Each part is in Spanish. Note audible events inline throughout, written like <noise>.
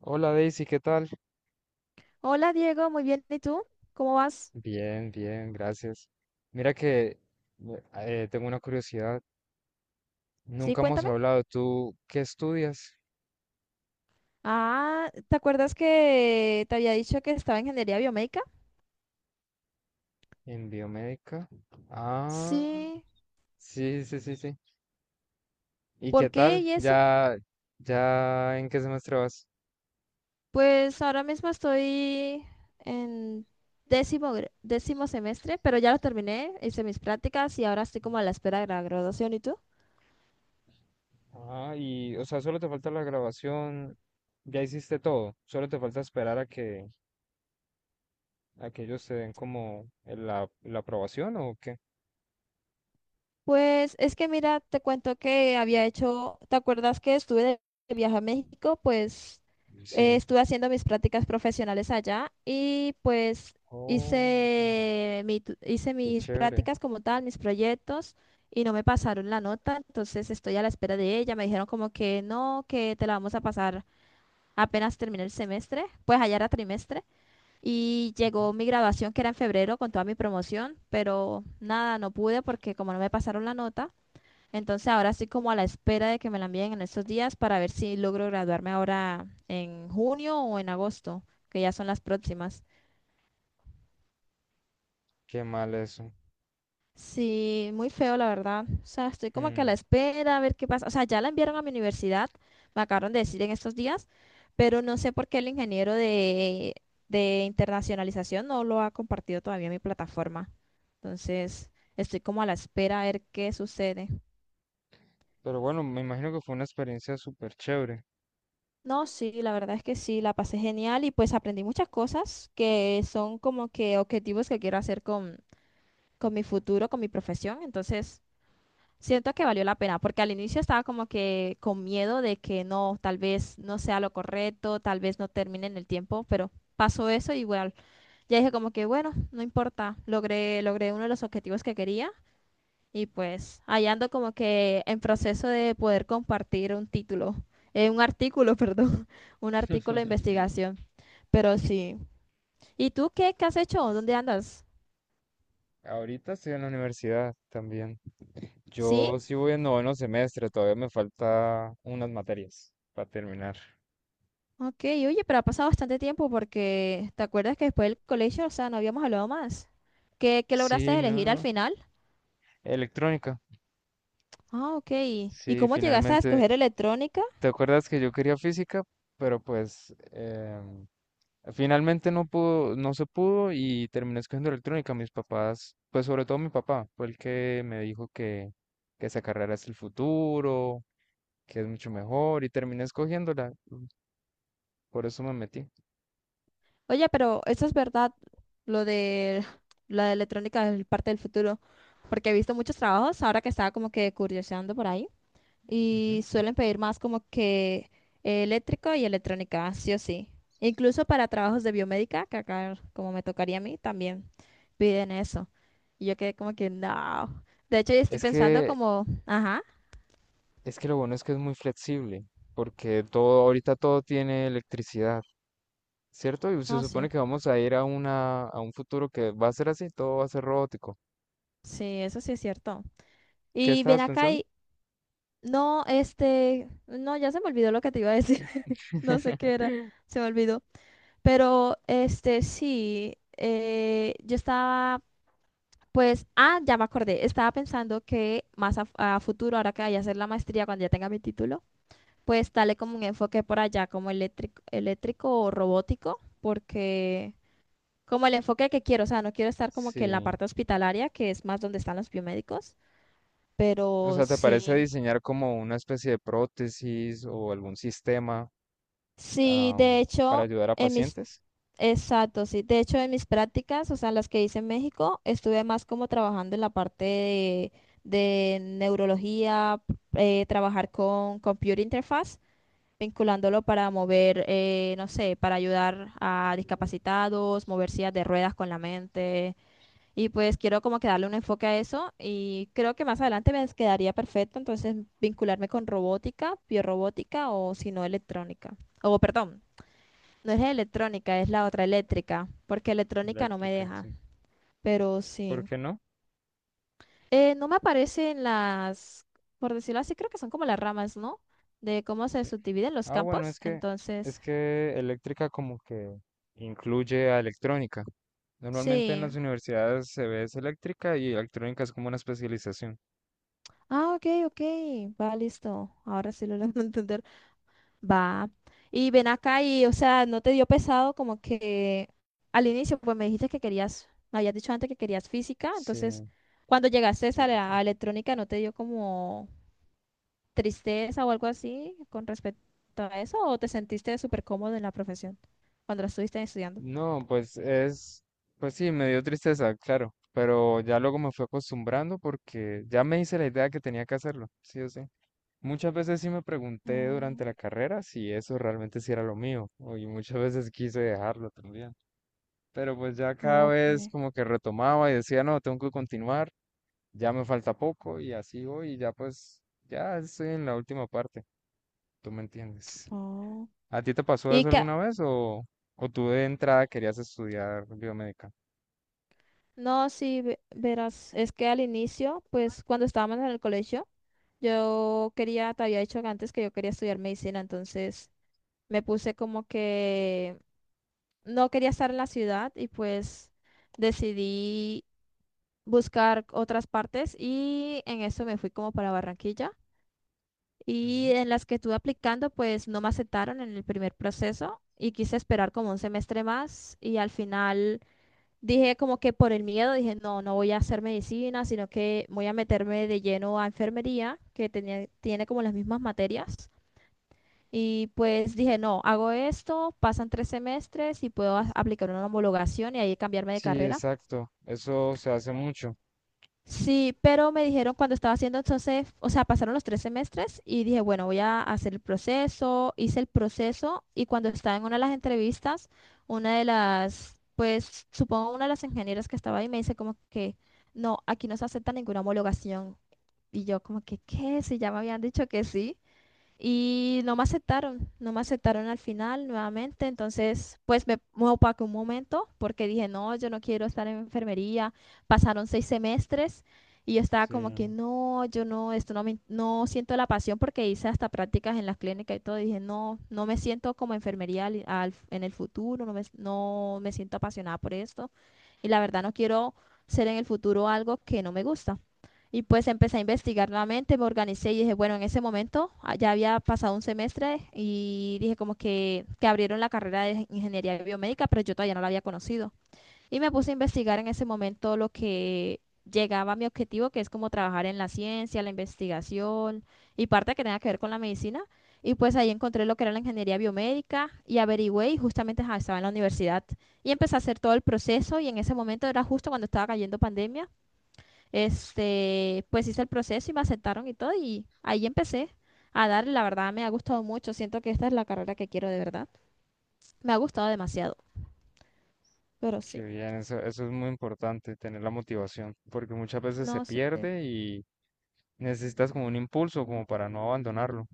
Hola Daisy, ¿qué tal? Hola Diego, muy bien. ¿Y tú? ¿Cómo vas? Bien, bien, gracias. Mira que tengo una curiosidad. Sí, Nunca hemos cuéntame. hablado. ¿Tú qué estudias? Ah, ¿te acuerdas que te había dicho que estaba en ingeniería biomédica? En biomédica. Ah, Sí. sí, sí, sí, sí. ¿Y ¿Por qué qué tal? y eso? ¿Ya, ya ¿en qué semestre vas? Pues ahora mismo estoy en décimo, décimo semestre, pero ya lo terminé, hice mis prácticas y ahora estoy como a la espera de la graduación. ¿Y tú? Ah, y, o sea, solo te falta la grabación. Ya hiciste todo. Solo te falta esperar a a que ellos te den como la aprobación o qué. Pues es que mira, te cuento que había hecho, ¿te acuerdas que estuve de viaje a México? Pues Sí. estuve haciendo mis prácticas profesionales allá y pues Oh, hice qué mis chévere. prácticas como tal, mis proyectos y no me pasaron la nota, entonces estoy a la espera de ella. Me dijeron como que no, que te la vamos a pasar apenas termine el semestre, pues allá era trimestre. Y llegó mi graduación que era en febrero con toda mi promoción, pero nada, no pude porque como no me pasaron la nota. Entonces ahora estoy como a la espera de que me la envíen en estos días para ver si logro graduarme ahora en junio o en agosto, que ya son las próximas. Qué mal eso. Sí, muy feo la verdad. O sea, estoy como que a la Mm. espera a ver qué pasa. O sea, ya la enviaron a mi universidad, me acabaron de decir en estos días, pero no sé por qué el ingeniero de internacionalización no lo ha compartido todavía en mi plataforma. Entonces, estoy como a la espera a ver qué sucede. Pero bueno, me imagino que fue una experiencia súper chévere. No, sí, la verdad es que sí, la pasé genial y pues aprendí muchas cosas que son como que objetivos que quiero hacer con mi futuro, con mi profesión. Entonces, siento que valió la pena, porque al inicio estaba como que con miedo de que no, tal vez no sea lo correcto, tal vez no termine en el tiempo, pero pasó eso y bueno, ya dije como que bueno, no importa, logré uno de los objetivos que quería. Y pues, allá ando como que en proceso de poder compartir un título, un artículo, <laughs> perdón, un artículo de investigación. Pero sí. ¿Y tú qué, qué has hecho? ¿Dónde andas? Ahorita estoy en la universidad también. Sí, Yo sí voy en noveno semestre, todavía me falta unas materias para terminar. ok, oye, pero ha pasado bastante tiempo porque ¿te acuerdas que después del colegio, o sea, no habíamos hablado más? ¿Qué, qué Sí, lograste no, elegir al no. final? Electrónica. Ah, ok. ¿Y Sí, cómo llegaste a finalmente. escoger electrónica? ¿Te acuerdas que yo quería física? Pero pues finalmente no se pudo y terminé escogiendo electrónica. Mis papás, pues sobre todo mi papá, fue el que me dijo que esa carrera es el futuro, que es mucho mejor, y terminé escogiéndola. Por eso me metí. Oye, pero eso es verdad, lo de la electrónica es parte del futuro, porque he visto muchos trabajos ahora que estaba como que curioseando por ahí Ujú. y suelen pedir más como que eléctrico y electrónica, sí o sí. Incluso para trabajos de biomédica, que acá como me tocaría a mí, también piden eso. Y yo quedé como que, no. De hecho, yo estoy Es pensando que, como, ajá, es que lo bueno es que es muy flexible, porque todo, ahorita todo tiene electricidad, ¿cierto? Y se no, supone sí, que vamos a ir a a un futuro que va a ser así, todo va a ser robótico. sí, eso sí es cierto. ¿Qué Y ven estabas acá pensando? y, no, este, no, ya se me olvidó lo que te iba a decir. No sé qué era, se me olvidó. Pero este sí, yo estaba, pues, ah, ya me acordé, estaba pensando que más a futuro, ahora que vaya a hacer la maestría, cuando ya tenga mi título, pues dale como un enfoque por allá, como eléctrico, eléctrico o robótico, porque como el enfoque que quiero, o sea, no quiero estar como que en la Sí. parte hospitalaria, que es más donde están los biomédicos, O pero sea, ¿te parece sí, diseñar como una especie de prótesis o algún sistema, sí, de para hecho, ayudar a en mis pacientes? Exacto, sí. De hecho, en mis prácticas, o sea, las que hice en México, estuve más como trabajando en la parte de neurología, trabajar con computer interface, vinculándolo para mover, no sé, para ayudar a discapacitados, mover sillas de ruedas con la mente. Y pues quiero como que darle un enfoque a eso y creo que más adelante me quedaría perfecto, entonces vincularme con robótica, biorrobótica o si no electrónica, o perdón, no es electrónica, es la otra eléctrica, porque electrónica no me Eléctrica, deja, sí. pero sí. ¿Por qué no? No me aparecen las, por decirlo así, creo que son como las ramas, ¿no? De cómo se subdividen los Ah, bueno, campos, es entonces, que eléctrica como que incluye a electrónica. Normalmente en las sí. universidades se ve es eléctrica y electrónica es como una especialización. Ah, ok, ok, va, listo. Ahora sí lo logro <laughs> entender. Va. Y ven acá y, o sea, ¿no te dio pesado como que al inicio, pues me dijiste que querías, me habías dicho antes que querías física, entonces, Sí, cuando llegaste sí, a sí, la sí. a electrónica, ¿no te dio como tristeza o algo así con respecto a eso o te sentiste súper cómodo en la profesión cuando la estuviste estudiando? No, pues sí, me dio tristeza, claro, pero ya luego me fui acostumbrando porque ya me hice la idea que tenía que hacerlo, sí o sí. Muchas veces sí me pregunté durante la Mm, carrera si eso realmente sí era lo mío, y muchas veces quise dejarlo también. Pero pues ya cada ok. vez como que retomaba y decía, no, tengo que continuar, ya me falta poco y así voy y ya pues ya estoy en la última parte, tú me entiendes. Oh. ¿A ti te pasó Y eso que, alguna vez o tú de entrada querías estudiar biomédica? no, sí, verás, es que al inicio, pues cuando estábamos en el colegio, yo quería, te había dicho que antes que yo quería estudiar medicina, entonces me puse como que no quería estar en la ciudad y pues decidí buscar otras partes y en eso me fui como para Barranquilla. Y Ujú. en las que estuve aplicando, pues no me aceptaron en el primer proceso y quise esperar como un semestre más y al final dije como que por el miedo dije, no, no voy a hacer medicina, sino que voy a meterme de lleno a enfermería, que tenía, tiene como las mismas materias. Y pues dije, no, hago esto, pasan 3 semestres y puedo Es- aplicar una homologación y ahí cambiarme de Sí, carrera. exacto, eso se hace mucho. Sí, pero me dijeron cuando estaba haciendo entonces, o sea, pasaron los 3 semestres y dije, bueno, voy a hacer el proceso, hice el proceso y cuando estaba en una de las entrevistas, una de las, pues supongo una de las ingenieras que estaba ahí me dice como que, no, aquí no se acepta ninguna homologación. Y yo como que, ¿qué? Si ya me habían dicho que sí. Y no me aceptaron, no me aceptaron al final nuevamente, entonces pues me opaqué un momento porque dije, no, yo no quiero estar en enfermería. Pasaron 6 semestres y yo estaba Sí, como que, no, yo no, esto no me, no siento la pasión porque hice hasta prácticas en la clínica y todo. Y dije, no, no me siento como enfermería en el futuro, no me siento apasionada por esto y la verdad no quiero ser en el futuro algo que no me gusta. Y pues empecé a investigar nuevamente, me organicé y dije, bueno, en ese momento ah, ya había pasado un semestre y dije como que abrieron la carrera de ingeniería biomédica, pero yo todavía no la había conocido. Y me puse a investigar en ese momento lo que llegaba a mi objetivo, que es como trabajar en la ciencia, la investigación y parte que tenga que ver con la medicina. Y pues ahí encontré lo que era la ingeniería biomédica y averigüé y justamente ajá, estaba en la universidad. Y empecé a hacer todo el proceso y en ese momento era justo cuando estaba cayendo pandemia. Este, pues hice el proceso y me aceptaron y todo y ahí empecé a darle, la verdad me ha gustado mucho, siento que esta es la carrera que quiero de verdad. Me ha gustado demasiado, pero qué sí, bien, eso es muy importante, tener la motivación, porque muchas veces se no sé. pierde y necesitas como un impulso como para no abandonarlo.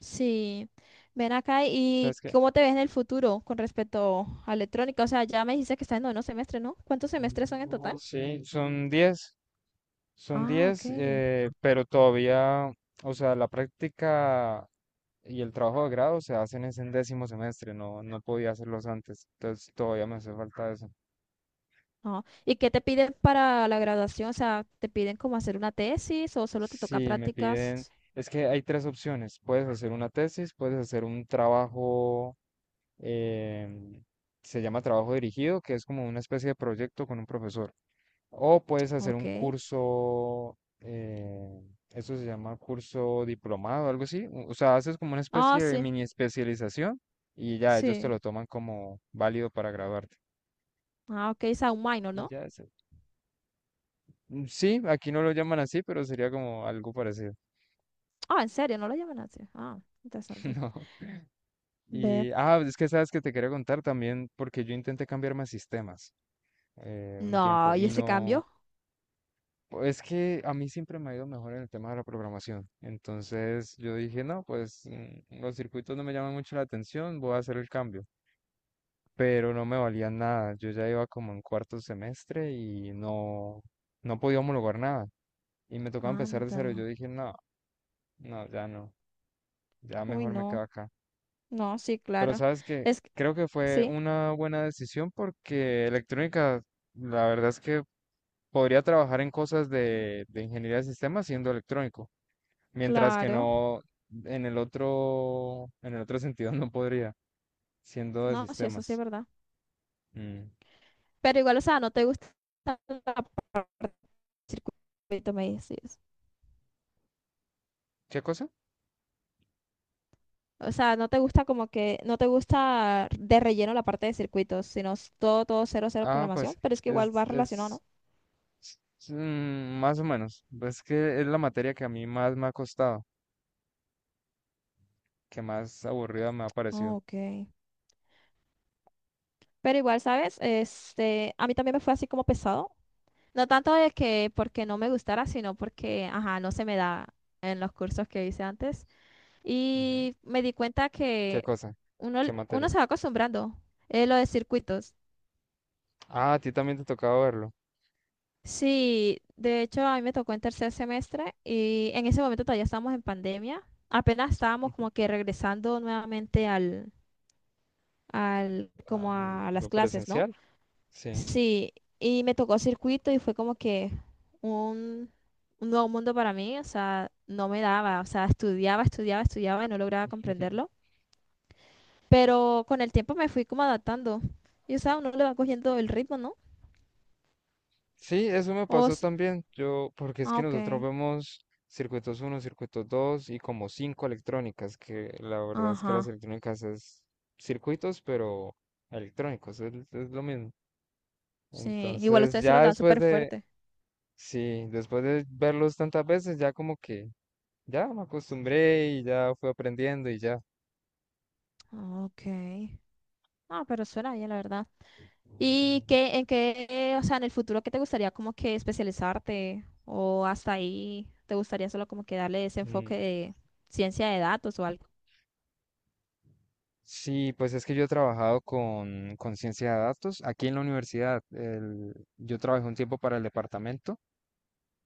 Sí, ven acá y ¿Sabes qué? ¿cómo te ves en el futuro con respecto a electrónica? O sea, ya me dices que estás en noveno semestre, ¿no? ¿Cuántos semestres son en total? Sí, son diez. Son Ah, ok. 10, pero todavía, o sea, la práctica y el trabajo de grado se hacen es en décimo semestre, no, no podía hacerlos antes, entonces todavía me hace falta eso. Ah, ¿y qué te piden para la graduación? O sea, ¿te piden como hacer una tesis o solo te toca Sí, me piden, prácticas? es que hay tres opciones, puedes hacer una tesis, puedes hacer em, se llama trabajo dirigido, que es como una especie de proyecto con un profesor. O puedes hacer un Ok. curso, eso se llama curso diplomado, algo así. O sea, haces como una Ah, especie de sí, mini especialización y ya ellos te sí. lo toman como válido para graduarte. Ah, ok, Sound Minor, Y ¿no? ya es. Sí, aquí no lo llaman así, pero sería como algo parecido. Ah, en serio, no lo llaman así. Ah, <laughs> interesante. No. Ve. Y, ah, es que sabes que te quería contar también, porque yo intenté cambiarme a sistemas un No, tiempo ¿y y ese no. cambio? Es que a mí siempre me ha ido mejor en el tema de la programación. Entonces yo dije, no, pues los circuitos no me llaman mucho la atención, voy a hacer el cambio. Pero no me valía nada. Yo ya iba como en cuarto semestre y no, no podía homologar nada. Y me tocaba empezar de cero. Yo Anda. dije, no, no, ya no, ya Uy, mejor me quedo no. acá. No, sí, Pero claro. sabes que Es que, creo que fue sí, una buena decisión porque electrónica, la verdad es que podría trabajar en cosas de ingeniería de sistemas siendo electrónico, mientras que claro. no en el otro, en el otro sentido no podría, siendo de No, sí, eso sí es sistemas. verdad. Mm. Pero igual, o sea, no te gusta la parte del circuito, me dices. ¿Qué cosa? O sea, no te gusta como que, no te gusta de relleno la parte de circuitos, sino es todo, todo cero, cero Ah, programación, pues pero es que igual va es, relacionado, es, ¿no? es, más o menos. Es que es la materia que a mí más me ha costado, que más aburrida me ha Ah, parecido. ok. Pero igual, ¿sabes? Este, a mí también me fue así como pesado, no tanto de que porque no me gustara, sino porque, ajá, no se me da en los cursos que hice antes. Ujú. Y me di cuenta ¿Qué que cosa? uno, ¿Qué materia? uno se va acostumbrando, lo de circuitos. Ah, a ti también te tocaba verlo. Sí, de hecho a mí me tocó en tercer semestre y en ese momento todavía estábamos en pandemia. Apenas estábamos como que regresando nuevamente al, como a las ¿Lo clases, ¿no? presencial? Sí. Sí, y me tocó circuito y fue como que un, un nuevo mundo para mí, o sea, no me daba, o sea, estudiaba, estudiaba, estudiaba y no lograba comprenderlo, <laughs> pero con el tiempo me fui como adaptando y, o sea, uno le va cogiendo el ritmo, ¿no? Sí, eso me O, pasó s- también. Yo, porque es ah, que ok, nosotros vemos circuitos uno, circuitos 2 y como cinco electrónicas, que la verdad es que las ajá, electrónicas es circuitos, pero electrónicos, es lo mismo. sí, igual Entonces, ustedes se los ya dan después súper de, fuerte. sí, después de verlos tantas veces, ya como que ya me acostumbré y ya fui aprendiendo y ya. Ah, ok, ah, pero suena bien, la verdad. ¿Y qué, en qué, o sea, en el futuro, qué te gustaría como que especializarte? ¿O hasta ahí te gustaría solo como que darle ese Mm, enfoque de ciencia de datos o algo? sí, pues es que yo he trabajado con ciencia de datos aquí en la universidad. Yo trabajé un tiempo para el departamento,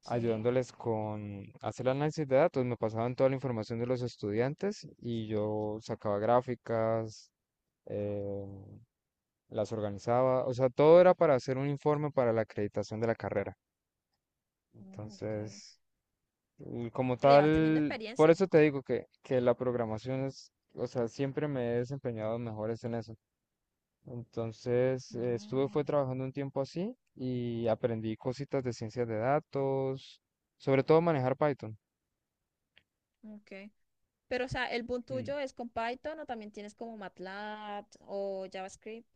Sí, ayudándoles con hacer el análisis de datos. Me pasaban toda la información de los estudiantes y yo sacaba gráficas, eh, las organizaba, o sea, todo era para hacer un informe para la acreditación de la carrera. oh, ok. Entonces, y como Pero ya vas teniendo tal, por experiencia. eso te digo que la programación es, o sea, siempre me he desempeñado mejores en eso. Entonces, fue Ah, trabajando un tiempo así y aprendí cositas de ciencias de datos, sobre todo manejar Python. ok. Pero, o sea, el boom Mm. tuyo es con Python o también tienes como MATLAB o JavaScript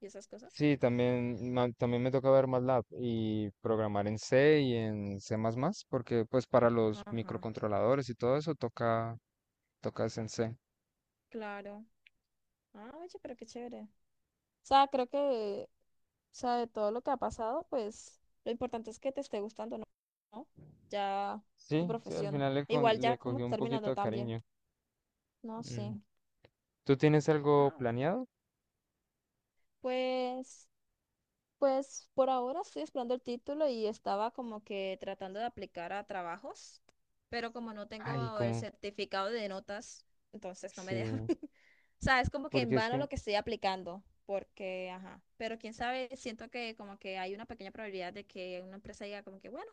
y esas cosas. Sí, también, también me toca ver MATLAB y programar en C y en C++, porque pues para los Ajá, microcontroladores y todo eso toca, tocas en C. claro. Ah, oye, pero qué chévere. O sea, creo que, o sea, de todo lo que ha pasado, pues lo importante es que te esté gustando, ¿no? ¿No? Ya tu Sí, sí, al profesión. final le, Igual ya le cogí como un poquito terminando de también. cariño. No sé. Mm. ¿Tú tienes algo Ah, planeado? pues. Pues por ahora estoy esperando el título y estaba como que tratando de aplicar a trabajos, pero como no Ay, tengo el como, certificado de notas, entonces no me dejan. sí, <laughs> O sea, es como que en porque es vano que, lo que estoy aplicando, porque, ajá, pero quién sabe, siento que como que hay una pequeña probabilidad de que una empresa diga como que, bueno,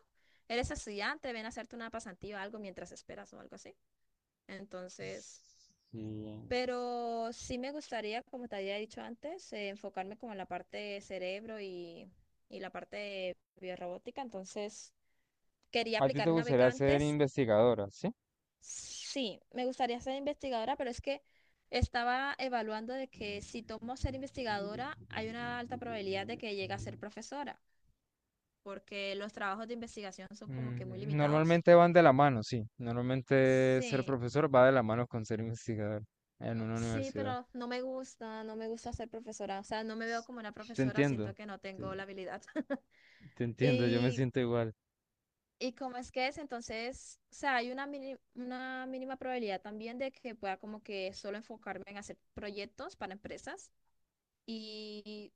eres estudiante, ven a hacerte una pasantía o algo mientras esperas o algo así. Entonces... sí. Pero sí me gustaría, como te había dicho antes, enfocarme como en la parte de cerebro y la parte de biorrobótica. Entonces, quería A ti te aplicar una gustaría beca ser antes. investigadora, ¿sí? Sí, me gustaría ser investigadora, pero es que estaba evaluando de que si tomo ser investigadora, hay una alta probabilidad de que llegue a ser profesora, porque los trabajos de investigación son como que muy limitados. normalmente van de la mano, sí. Normalmente ser Sí, profesor va de la mano con ser investigador en una sí, universidad. pero no me gusta, no me gusta ser profesora. O sea, no me veo como una Te profesora, siento entiendo, que no te, tengo la habilidad. <laughs> te entiendo, yo me Y, siento igual. y como es que es, entonces, o sea, hay una, una mínima probabilidad también de que pueda como que solo enfocarme en hacer proyectos para empresas. Y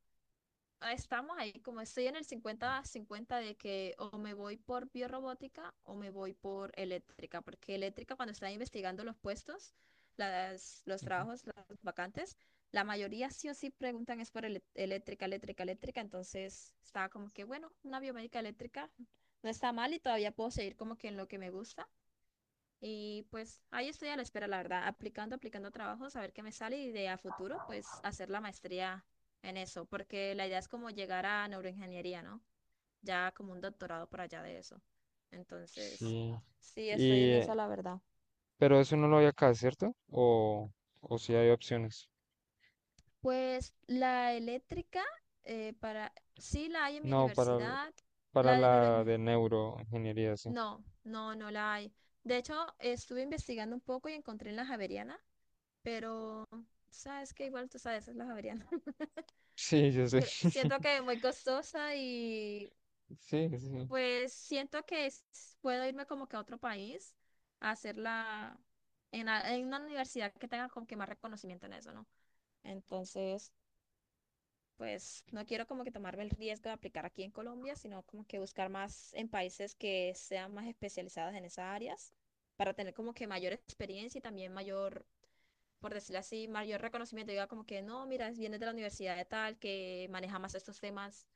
ah, estamos ahí, como estoy en el 50-50 de que o me voy por biorrobótica o me voy por eléctrica, porque eléctrica cuando estaba investigando los puestos, las, los Ujú. trabajos, las vacantes, la mayoría sí o sí preguntan es por eléctrica, eléctrica, eléctrica, entonces estaba como que, bueno, una biomédica eléctrica no está mal y todavía puedo seguir como que en lo que me gusta. Y pues ahí estoy a la espera, la verdad, aplicando, aplicando trabajos, a ver qué me sale y de a futuro, pues hacer la maestría en eso, porque la idea es como llegar a neuroingeniería, ¿no? Ya como un doctorado por allá de eso. Entonces, Sí. sí, estoy Y, en eso la verdad. pero eso no lo hay acá, ¿cierto? O si hay opciones. Pues la eléctrica, para, sí la hay en mi No, universidad, para la de la de neuroingeniería, neuroingeniería, sí. <laughs> no, no, no la hay. De hecho, estuve investigando un poco y encontré en la Javeriana, pero sabes que igual tú sabes, es la Javeriana. Sí, yo sé. Siento <laughs> que es muy costosa y Sí, sí. pues siento que puedo irme como que a otro país a hacerla en, en una universidad que tenga como que más reconocimiento en eso, ¿no? Entonces, pues no quiero como que tomarme el riesgo de aplicar aquí en Colombia, sino como que buscar más en países que sean más especializados en esas áreas para tener como que mayor experiencia y también mayor, por decirlo así, mayor reconocimiento. Diga como que no, mira, vienes de la universidad de tal, que maneja más estos temas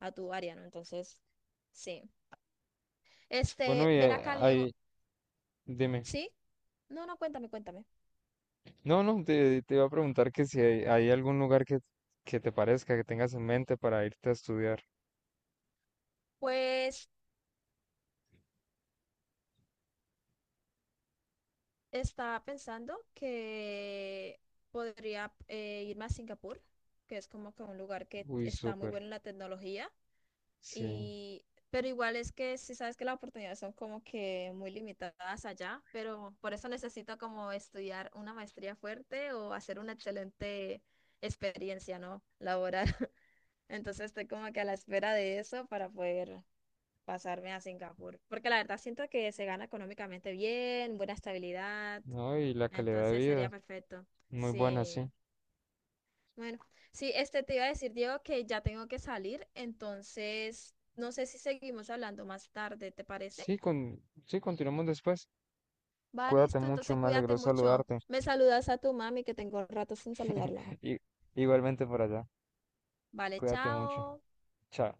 a tu área, ¿no? Entonces, sí. Bueno, Este, ven acá, Diego. Dime. ¿Sí? No, no, cuéntame, cuéntame. No, no, te iba a preguntar que si hay, hay algún lugar que te parezca, que tengas en mente para irte a estudiar. Pues estaba pensando que podría irme a Singapur, que es como que un lugar que Uy, está muy súper, bueno en la tecnología. sí. Y, pero igual es que sí sabes que las oportunidades son como que muy limitadas allá, pero por eso necesito como estudiar una maestría fuerte o hacer una excelente experiencia, ¿no? Laboral. Entonces estoy como que a la espera de eso para poder pasarme a Singapur. Porque la verdad siento que se gana económicamente bien, buena estabilidad. No, y la calidad de Entonces sería vida, perfecto. muy buena, sí. Sí. Bueno, sí, este te iba a decir, Diego, que ya tengo que salir. Entonces, no sé si seguimos hablando más tarde, ¿te parece? Sí, con, sí, continuamos después. Va, Cuídate listo. mucho, Entonces, me cuídate alegró mucho. saludarte. Me saludas a tu mami, que tengo rato sin saludarla. <laughs> Y, igualmente por allá, Vale, cuídate mucho. chao. Chao.